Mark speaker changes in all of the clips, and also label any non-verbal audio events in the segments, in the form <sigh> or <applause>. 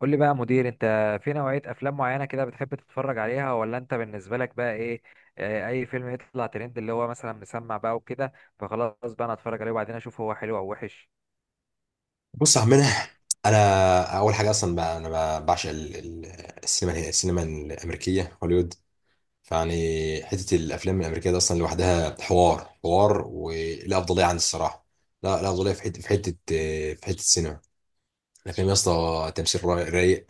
Speaker 1: قول لي بقى يا مدير، انت في نوعية افلام معينة كده بتحب تتفرج عليها، ولا انت بالنسبة لك بقى ايه؟ اه، اي فيلم يطلع ترند، اللي هو مثلا مسمع بقى وكده، فخلاص بقى انا اتفرج عليه وبعدين اشوف هو حلو او وحش.
Speaker 2: بص يا عمنا، انا اول حاجه اصلا بقى بعشق السينما الامريكيه هوليوود. فيعني حته الافلام الامريكيه دي اصلا لوحدها حوار حوار ولا افضليه عن الصراحه. لا، لا افضليه في حته السينما الافلام يا اسطى، تمثيل رايق.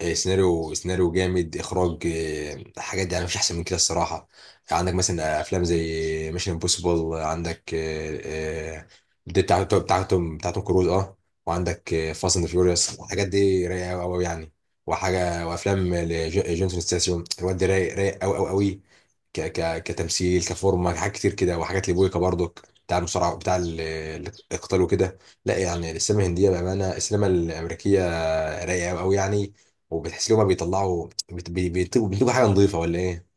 Speaker 2: سيناريو جامد، اخراج، حاجات يعني مفيش احسن من كده الصراحه. عندك مثلا افلام زي ميشن امبوسيبل، عندك دي بتاعتهم كروز اه وعندك فاست اند فيوريوس، الحاجات دي رايقه قوي قوي يعني. وحاجه وافلام جونسون ستاسيوم، الواد ده رايق رايق قوي قوي قوي. ك ك كتمثيل كفورمه، حاجات كتير كده، وحاجات لبويكا برضك، بتاع المصارعه، بتاع القتال وكده. لا يعني السينما الهنديه، بامانه السينما الامريكيه رايقه قوي يعني. وبتحس لهم بيطلعوا بيطلبوا حاجه نظيفه ولا ايه؟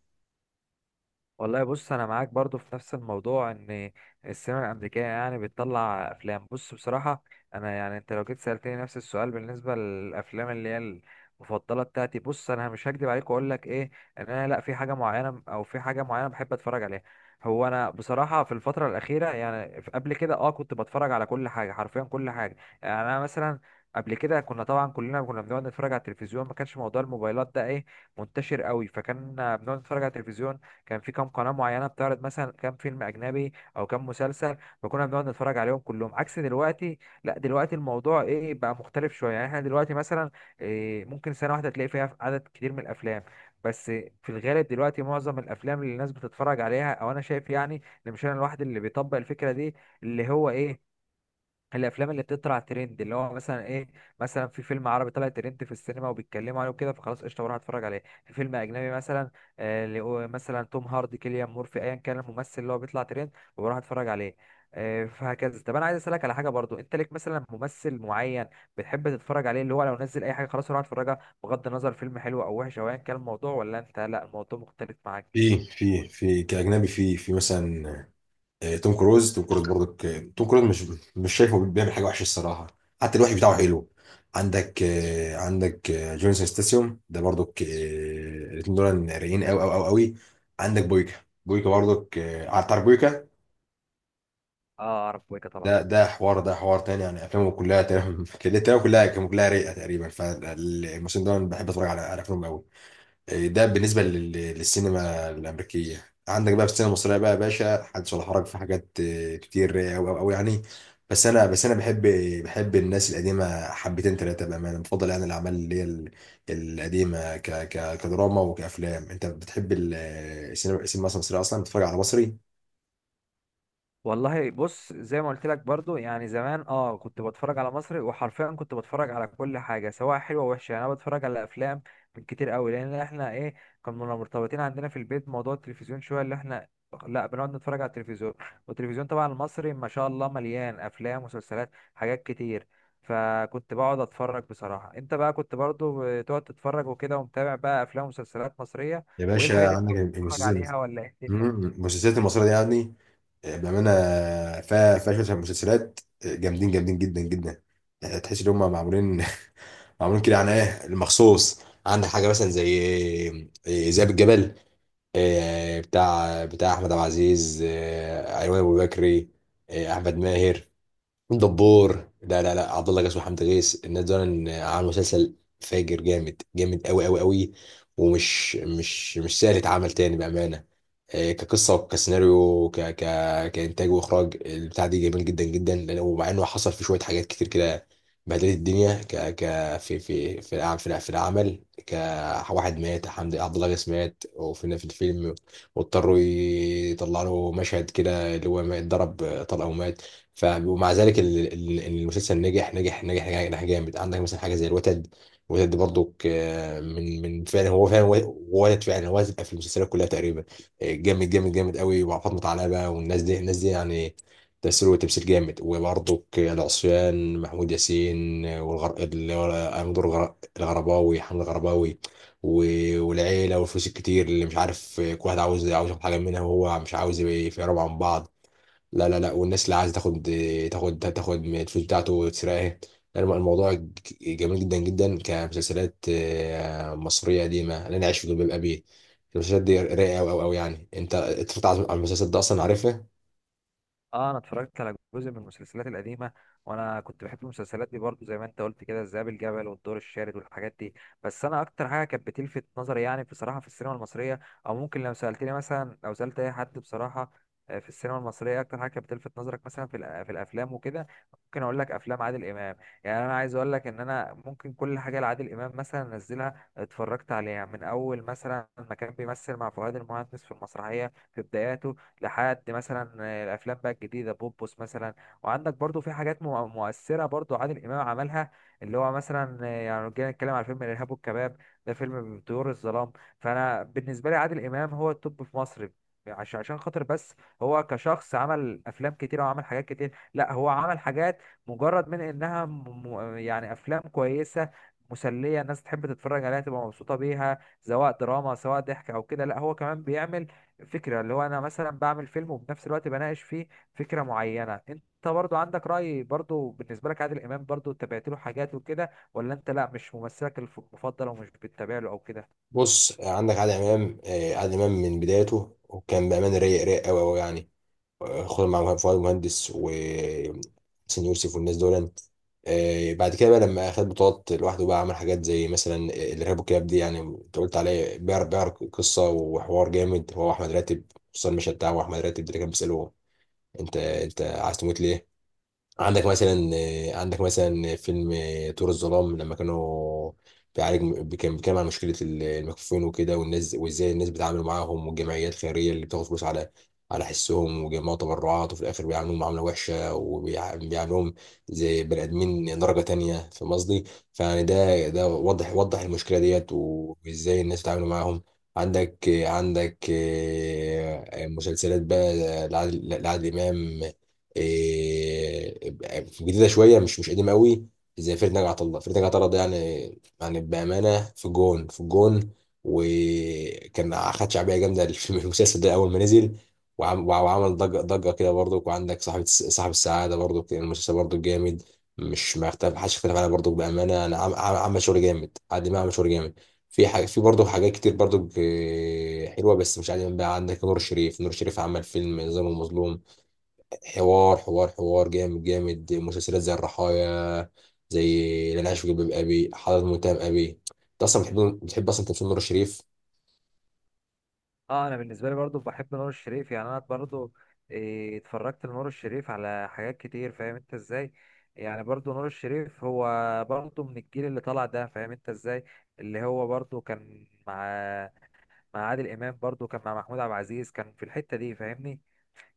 Speaker 1: والله بص، انا معاك برضو في نفس الموضوع، ان السينما الامريكيه يعني بتطلع افلام. بص بصراحه، انا يعني انت لو جيت سالتني نفس السؤال بالنسبه للافلام اللي هي المفضله بتاعتي، بص انا مش هكدب عليك واقول لك ايه، ان انا لا في حاجه معينه او في حاجه معينه بحب اتفرج عليها. هو انا بصراحه في الفتره الاخيره يعني قبل كده كنت بتفرج على كل حاجه، حرفيا كل حاجه. يعني انا مثلا قبل كده كنا طبعا كلنا كنا بنقعد نتفرج على التلفزيون، ما كانش موضوع الموبايلات ده ايه منتشر قوي، فكان بنقعد نتفرج على التلفزيون. كان في كام قناه معينه بتعرض مثلا كام فيلم اجنبي او كام مسلسل، فكنا بنقعد نتفرج عليهم كلهم، عكس دلوقتي. لا دلوقتي الموضوع ايه بقى مختلف شويه، يعني احنا دلوقتي مثلا إيه ممكن سنه واحده تلاقي فيها عدد كتير من الافلام. بس في الغالب دلوقتي معظم الافلام اللي الناس بتتفرج عليها، او انا شايف يعني، ان مش انا الواحد اللي بيطبق الفكره دي، اللي هو ايه الافلام اللي بتطلع ترند، اللي هو مثلا ايه، مثلا في فيلم عربي طلع ترند في السينما وبيتكلموا عليه وكده، فخلاص قشطه بروح اتفرج عليه. في فيلم اجنبي مثلا اللي هو مثلا توم هاردي، كيليان مورفي، ايا كان الممثل اللي هو بيطلع ترند، وبروح اتفرج عليه فهكذا. طب انا عايز اسالك على حاجه برضو، انت ليك مثلا ممثل معين بتحب تتفرج عليه، اللي هو لو نزل اي حاجه خلاص اروح اتفرجها، بغض النظر فيلم حلو او وحش او ايا كان الموضوع، ولا انت لا الموضوع مختلف معاك؟
Speaker 2: في كأجنبي، في مثلا، توم كروز برضك، توم كروز مش شايفه بيعمل حاجة وحشة الصراحة. حتى الوحش بتاعه حلو. عندك جونسون ستاسيوم ده برضك، الاتنين دول رايقين قوي قوي قوي قوي. عندك بويكا، بويكا برضك آه، تعرف بويكا؟
Speaker 1: اه اعرف بويكا طبعا.
Speaker 2: ده حوار تاني يعني، افلامه كلها تمام <laughs> كده تمام، كلها رايقة تقريبا. فالموسم ده أنا بحب اتفرج على افلامه قوي. ده بالنسبة للسينما الأمريكية. عندك بقى في السينما المصرية بقى يا باشا، حدث ولا حرج، في حاجات كتير أوي أوي أوي يعني. بس أنا بحب الناس القديمة حبتين تلاتة، بأمانة بفضل يعني الأعمال اللي هي القديمة ك ك كدراما وكأفلام. أنت بتحب السينما مثلا المصرية؟ أصلا بتتفرج على مصري؟
Speaker 1: والله بص، زي ما قلت لك برضو، يعني زمان كنت بتفرج على مصري، وحرفيا كنت بتفرج على كل حاجه سواء حلوه ووحشه. يعني انا بتفرج على افلام من كتير قوي، لان احنا ايه، كنا مرتبطين عندنا في البيت موضوع التلفزيون شويه، اللي احنا لا بنقعد نتفرج على التلفزيون، والتلفزيون طبعا المصري ما شاء الله مليان افلام، مسلسلات، حاجات كتير، فكنت بقعد اتفرج بصراحه. انت بقى كنت برضو بتقعد تتفرج وكده، ومتابع بقى افلام ومسلسلات مصريه،
Speaker 2: يا
Speaker 1: وايه الحاجات
Speaker 2: باشا،
Speaker 1: اللي انت
Speaker 2: عندك
Speaker 1: كنت بتتفرج
Speaker 2: المسلسلات.
Speaker 1: عليها، ولا ايه الدنيا؟
Speaker 2: المسلسلات المصرية دي يعني، بأمانة فيها شوية مسلسلات جامدين جامدين جدا جدا. تحس ان هم معمولين <laughs> معمولين كده، يعني ايه المخصوص. عندك حاجه مثلا زي ذئاب الجبل، بتاع احمد عبد العزيز، ايمن ابو بكري، احمد ماهر دبور، لا لا لا، عبد الله جاسم وحمد غيث. الناس دول عملوا مسلسل فاجر جامد جامد قوي قوي قوي. ومش مش مش سهل يتعمل تاني بامانه. كقصه وكسيناريو ك ك كانتاج واخراج، البتاع دي جميل جدا جدا. ومع انه حصل في شويه حاجات كتير كده بهدلت الدنيا، ك ك في العمل، في العمل كواحد مات، حمد عبد الله غيث مات وفينا في الفيلم. واضطروا يطلعوا له مشهد كده اللي هو ما اتضرب طلقه ومات. ومع ذلك المسلسل نجح نجح نجح نجح نجح جامد. عندك مثلا حاجه زي الوتد. الوتد دي برضو، من فعلا، هو فعلا ولد فعلا، هو هتبقى في المسلسلات كلها تقريبا. جامد جامد جامد قوي مع فاطمه علبه والناس دي الناس دي يعني، تأثير وتمثيل جامد. وبرضو العصيان، محمود ياسين، أمير حمد الغرباوي. والعيله والفلوس الكتير، اللي مش عارف كل واحد عاوز ياخد حاجه منها، وهو مش عاوز يبقى في ربع عن بعض. لا لا لا، والناس اللي عايزه تاخد من الفلوس بتاعته وتسرقها. لا، الموضوع جميل جدا جدا كمسلسلات مصريه قديمه، انا عايش في جلباب ابي. المسلسلات دي رايقه قوي قوي قوي يعني. انت اتفرجت على المسلسل ده اصلا عارفها؟
Speaker 1: اه انا اتفرجت على جزء من المسلسلات القديمه، وانا كنت بحب المسلسلات دي برضو زي ما انت قلت كده، الذئاب الجبل والدور الشارد والحاجات دي. بس انا اكتر حاجه كانت بتلفت نظري يعني بصراحه في السينما المصريه، او ممكن لو سالتني مثلا، لو سالت اي حد بصراحه في السينما المصريه اكتر حاجه كانت بتلفت نظرك مثلا في في الافلام وكده، ممكن اقول لك افلام عادل امام. يعني انا عايز اقول لك ان انا ممكن كل حاجه لعادل امام مثلا انزلها اتفرجت عليها، من اول مثلا ما كان بيمثل مع فؤاد المهندس في المسرحيه في بداياته، لحد مثلا الافلام بقى الجديده بوبوس مثلا. وعندك برضو في حاجات مؤثره برضو عادل امام عملها، اللي هو مثلا يعني لو جينا نتكلم على فيلم الارهاب والكباب، ده فيلم بطيور الظلام. فانا بالنسبه لي عادل امام هو التوب في مصر، عشان خاطر بس، هو كشخص عمل افلام كتير وعمل حاجات كتير. لا هو عمل حاجات مجرد من انها يعني افلام كويسه مسليه، الناس تحب تتفرج عليها تبقى مبسوطه بيها، سواء دراما سواء ضحك او كده. لا هو كمان بيعمل فكرة، اللي هو أنا مثلا بعمل فيلم وبنفس الوقت بناقش فيه فكرة معينة. أنت برضو عندك رأي برضو بالنسبة لك عادل إمام؟ برضو تابعت له حاجات وكده، ولا أنت لأ مش ممثلك المفضل ومش بتتابع له أو كده؟
Speaker 2: بص، عندك عادل امام، عادل امام من بدايته وكان بامانه رايق رايق قوي قوي يعني. خد مع فؤاد مهندس وحسين يوسف والناس دول. بعد كده بقى لما خد بطولات لوحده بقى، عمل حاجات زي مثلا الارهاب والكباب. دي يعني انت قلت عليه، بيعرف قصه وحوار جامد، هو احمد راتب. خصوصا المشهد بتاعه احمد راتب ده اللي كان بيساله، انت عايز تموت ليه؟ عندك مثلا عندك مثلا فيلم طور الظلام، لما كانوا بيعالج، كان بيتكلم عن مشكلة المكفوفين وكده والناس، وازاي الناس بيتعاملوا معاهم، والجمعيات الخيرية اللي بتاخد فلوس على حسهم وجمعوا تبرعات، وفي الآخر بيعاملوهم معاملة وحشة، وبيعاملوهم زي بني آدمين درجة تانية. فاهم قصدي؟ فيعني ده وضح المشكلة ديت، وازاي الناس بتتعامل معاهم. عندك مسلسلات بقى لعادل إمام. إيه، جديده شويه، مش قديمه قوي. زي فريد نجا عطا الله ده يعني، بامانه في الجون في الجون. وكان خد شعبيه جامده <laughs> في المسلسل ده اول ما نزل. وعمل ضجه ضجه كده برضو. وعندك صاحب السعاده برضو، كان المسلسل برضو جامد. مش، ما اختلف محدش اختلف عليه برضو بامانه. انا عمل شغل جامد، عادل امام عمل شغل جامد. في برضه حاجات كتير برضه حلوة بس مش عادي بقى. عندك نور الشريف عمل فيلم نظام المظلوم. حوار حوار حوار جامد جامد. مسلسلات زي الرحايا، زي اللي انا عايش في جلباب ابي، حضرة متهم ابي. انت اصلا بتحب اصلا تمثيل نور الشريف؟
Speaker 1: أه أنا بالنسبة لي برضو بحب نور الشريف. يعني أنا برضو اتفرجت لنور الشريف على حاجات كتير، فاهم أنت إزاي. يعني برضو نور الشريف هو برضو من الجيل اللي طلع ده، فاهم أنت إزاي، اللي هو برضو كان مع عادل إمام، برضو كان مع محمود عبد العزيز، كان في الحتة دي فاهمني.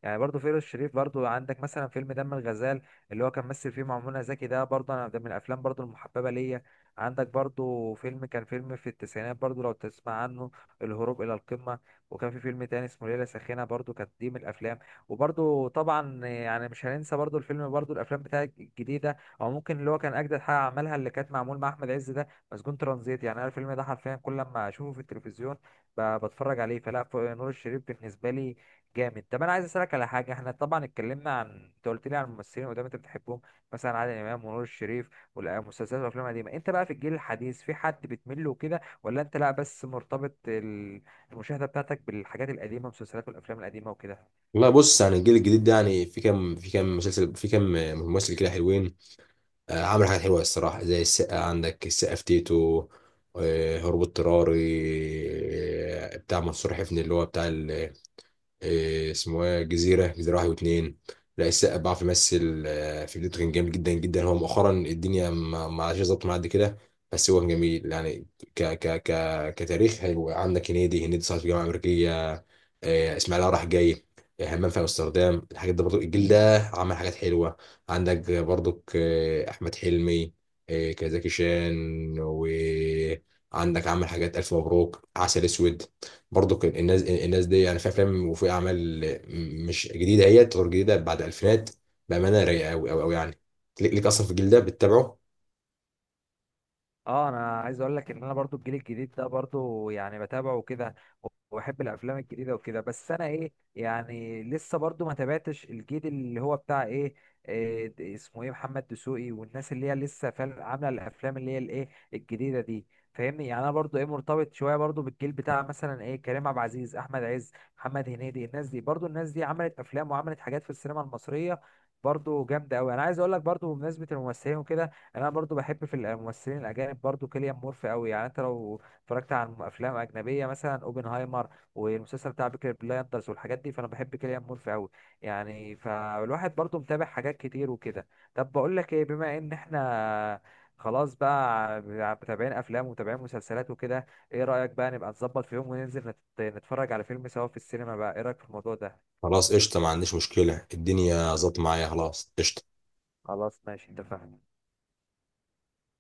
Speaker 1: يعني برضو فيروز شريف برضو، عندك مثلا فيلم دم الغزال اللي هو كان مثل فيه مع منى زكي، ده برضو انا ده من الافلام برضو المحببه ليا. عندك برضو فيلم، كان فيلم في التسعينات برضو لو تسمع عنه، الهروب الى القمه. وكان في فيلم تاني اسمه ليله ساخنه، برضو كانت دي من الافلام. وبرضو طبعا يعني مش هننسى برضو الفيلم، برضو الافلام بتاعت الجديده، او ممكن اللي هو كان اجدد حاجه عملها، اللي كانت معمول مع احمد عز، ده مسجون ترانزيت. يعني انا الفيلم ده حرفيا كل لما اشوفه في التلفزيون بتفرج عليه. فلا نور الشريف بالنسبه لي جامد. طب انا عايز اسالك على حاجه، احنا طبعا اتكلمنا عن، انت قلت لي عن الممثلين قدام انت بتحبهم، مثلا عادل امام ونور الشريف والمسلسلات والافلام القديمه. انت بقى في الجيل الحديث، في حد بتميل له كده، ولا انت لا بس مرتبط المشاهده بتاعتك بالحاجات القديمه، المسلسلات والافلام القديمه وكده؟
Speaker 2: والله بص، يعني الجيل الجديد ده يعني، في كام مسلسل، في كام ممثل كده حلوين. عملوا حاجات حلوه الصراحه، زي السقا، عندك السقا في تيتو، هروب اضطراري، بتاع منصور حفني، اللي هو بتاع إيه اسمه ايه، جزيرة واحد واتنين. لا، السقا بيعرف يمثل. في بدايته كان جامد جدا جدا. هو مؤخرا الدنيا ما عادش ظابطه معاه قد كده. بس هو كان جميل يعني. ك ك ك كتاريخ هيبقى. عندك هنيدي، صار في جامعة أمريكية، اسماعيل راح جاي، همام في امستردام، الحاجات دي برضو. الجيل ده عمل حاجات حلوة. عندك برضو أحمد حلمي، كزكي شان. وعندك عمل حاجات، ألف مبروك، عسل أسود. برضو كان، الناس دي يعني في افلام وفي اعمال مش جديده، هي تطور جديده بعد الفينات. بامانه رايقه قوي قوي قوي يعني. ليك اصلا في الجيل ده بتتابعه؟
Speaker 1: اه انا عايز اقول لك ان انا برضو الجيل الجديد ده برضو يعني بتابعه وكده، وبحب الافلام الجديده وكده. بس انا ايه يعني لسه برضو ما تابعتش الجيل اللي هو بتاع ايه، إيه اسمه ايه محمد دسوقي، والناس اللي هي لسه فعلا عامله الافلام اللي هي الايه الجديده دي فاهمني. يعني انا برضو ايه مرتبط شويه برضو بالجيل بتاع مثلا ايه كريم عبد العزيز، احمد عز، محمد هنيدي، الناس دي، برضو الناس دي عملت افلام وعملت حاجات في السينما المصريه برضو جامده قوي. انا عايز اقول لك برضو بمناسبه الممثلين وكده، انا برضو بحب في الممثلين الاجانب برضو كيليان مورفي قوي. يعني انت لو اتفرجت على افلام اجنبيه مثلا اوبنهايمر والمسلسل بتاع بيكي بلايندرز والحاجات دي، فانا بحب كيليان مورفي قوي. يعني فالواحد برضو متابع حاجات كتير وكده. طب بقول لك ايه، بما ان احنا خلاص بقى متابعين افلام ومتابعين مسلسلات وكده، ايه رايك بقى نبقى نظبط في يوم وننزل نتفرج على فيلم سوا في السينما، بقى ايه رايك في الموضوع ده؟
Speaker 2: خلاص قشطه، ما عنديش مشكله، الدنيا ظبط معايا. خلاص قشطه.
Speaker 1: خلاص ماشي اتفقنا.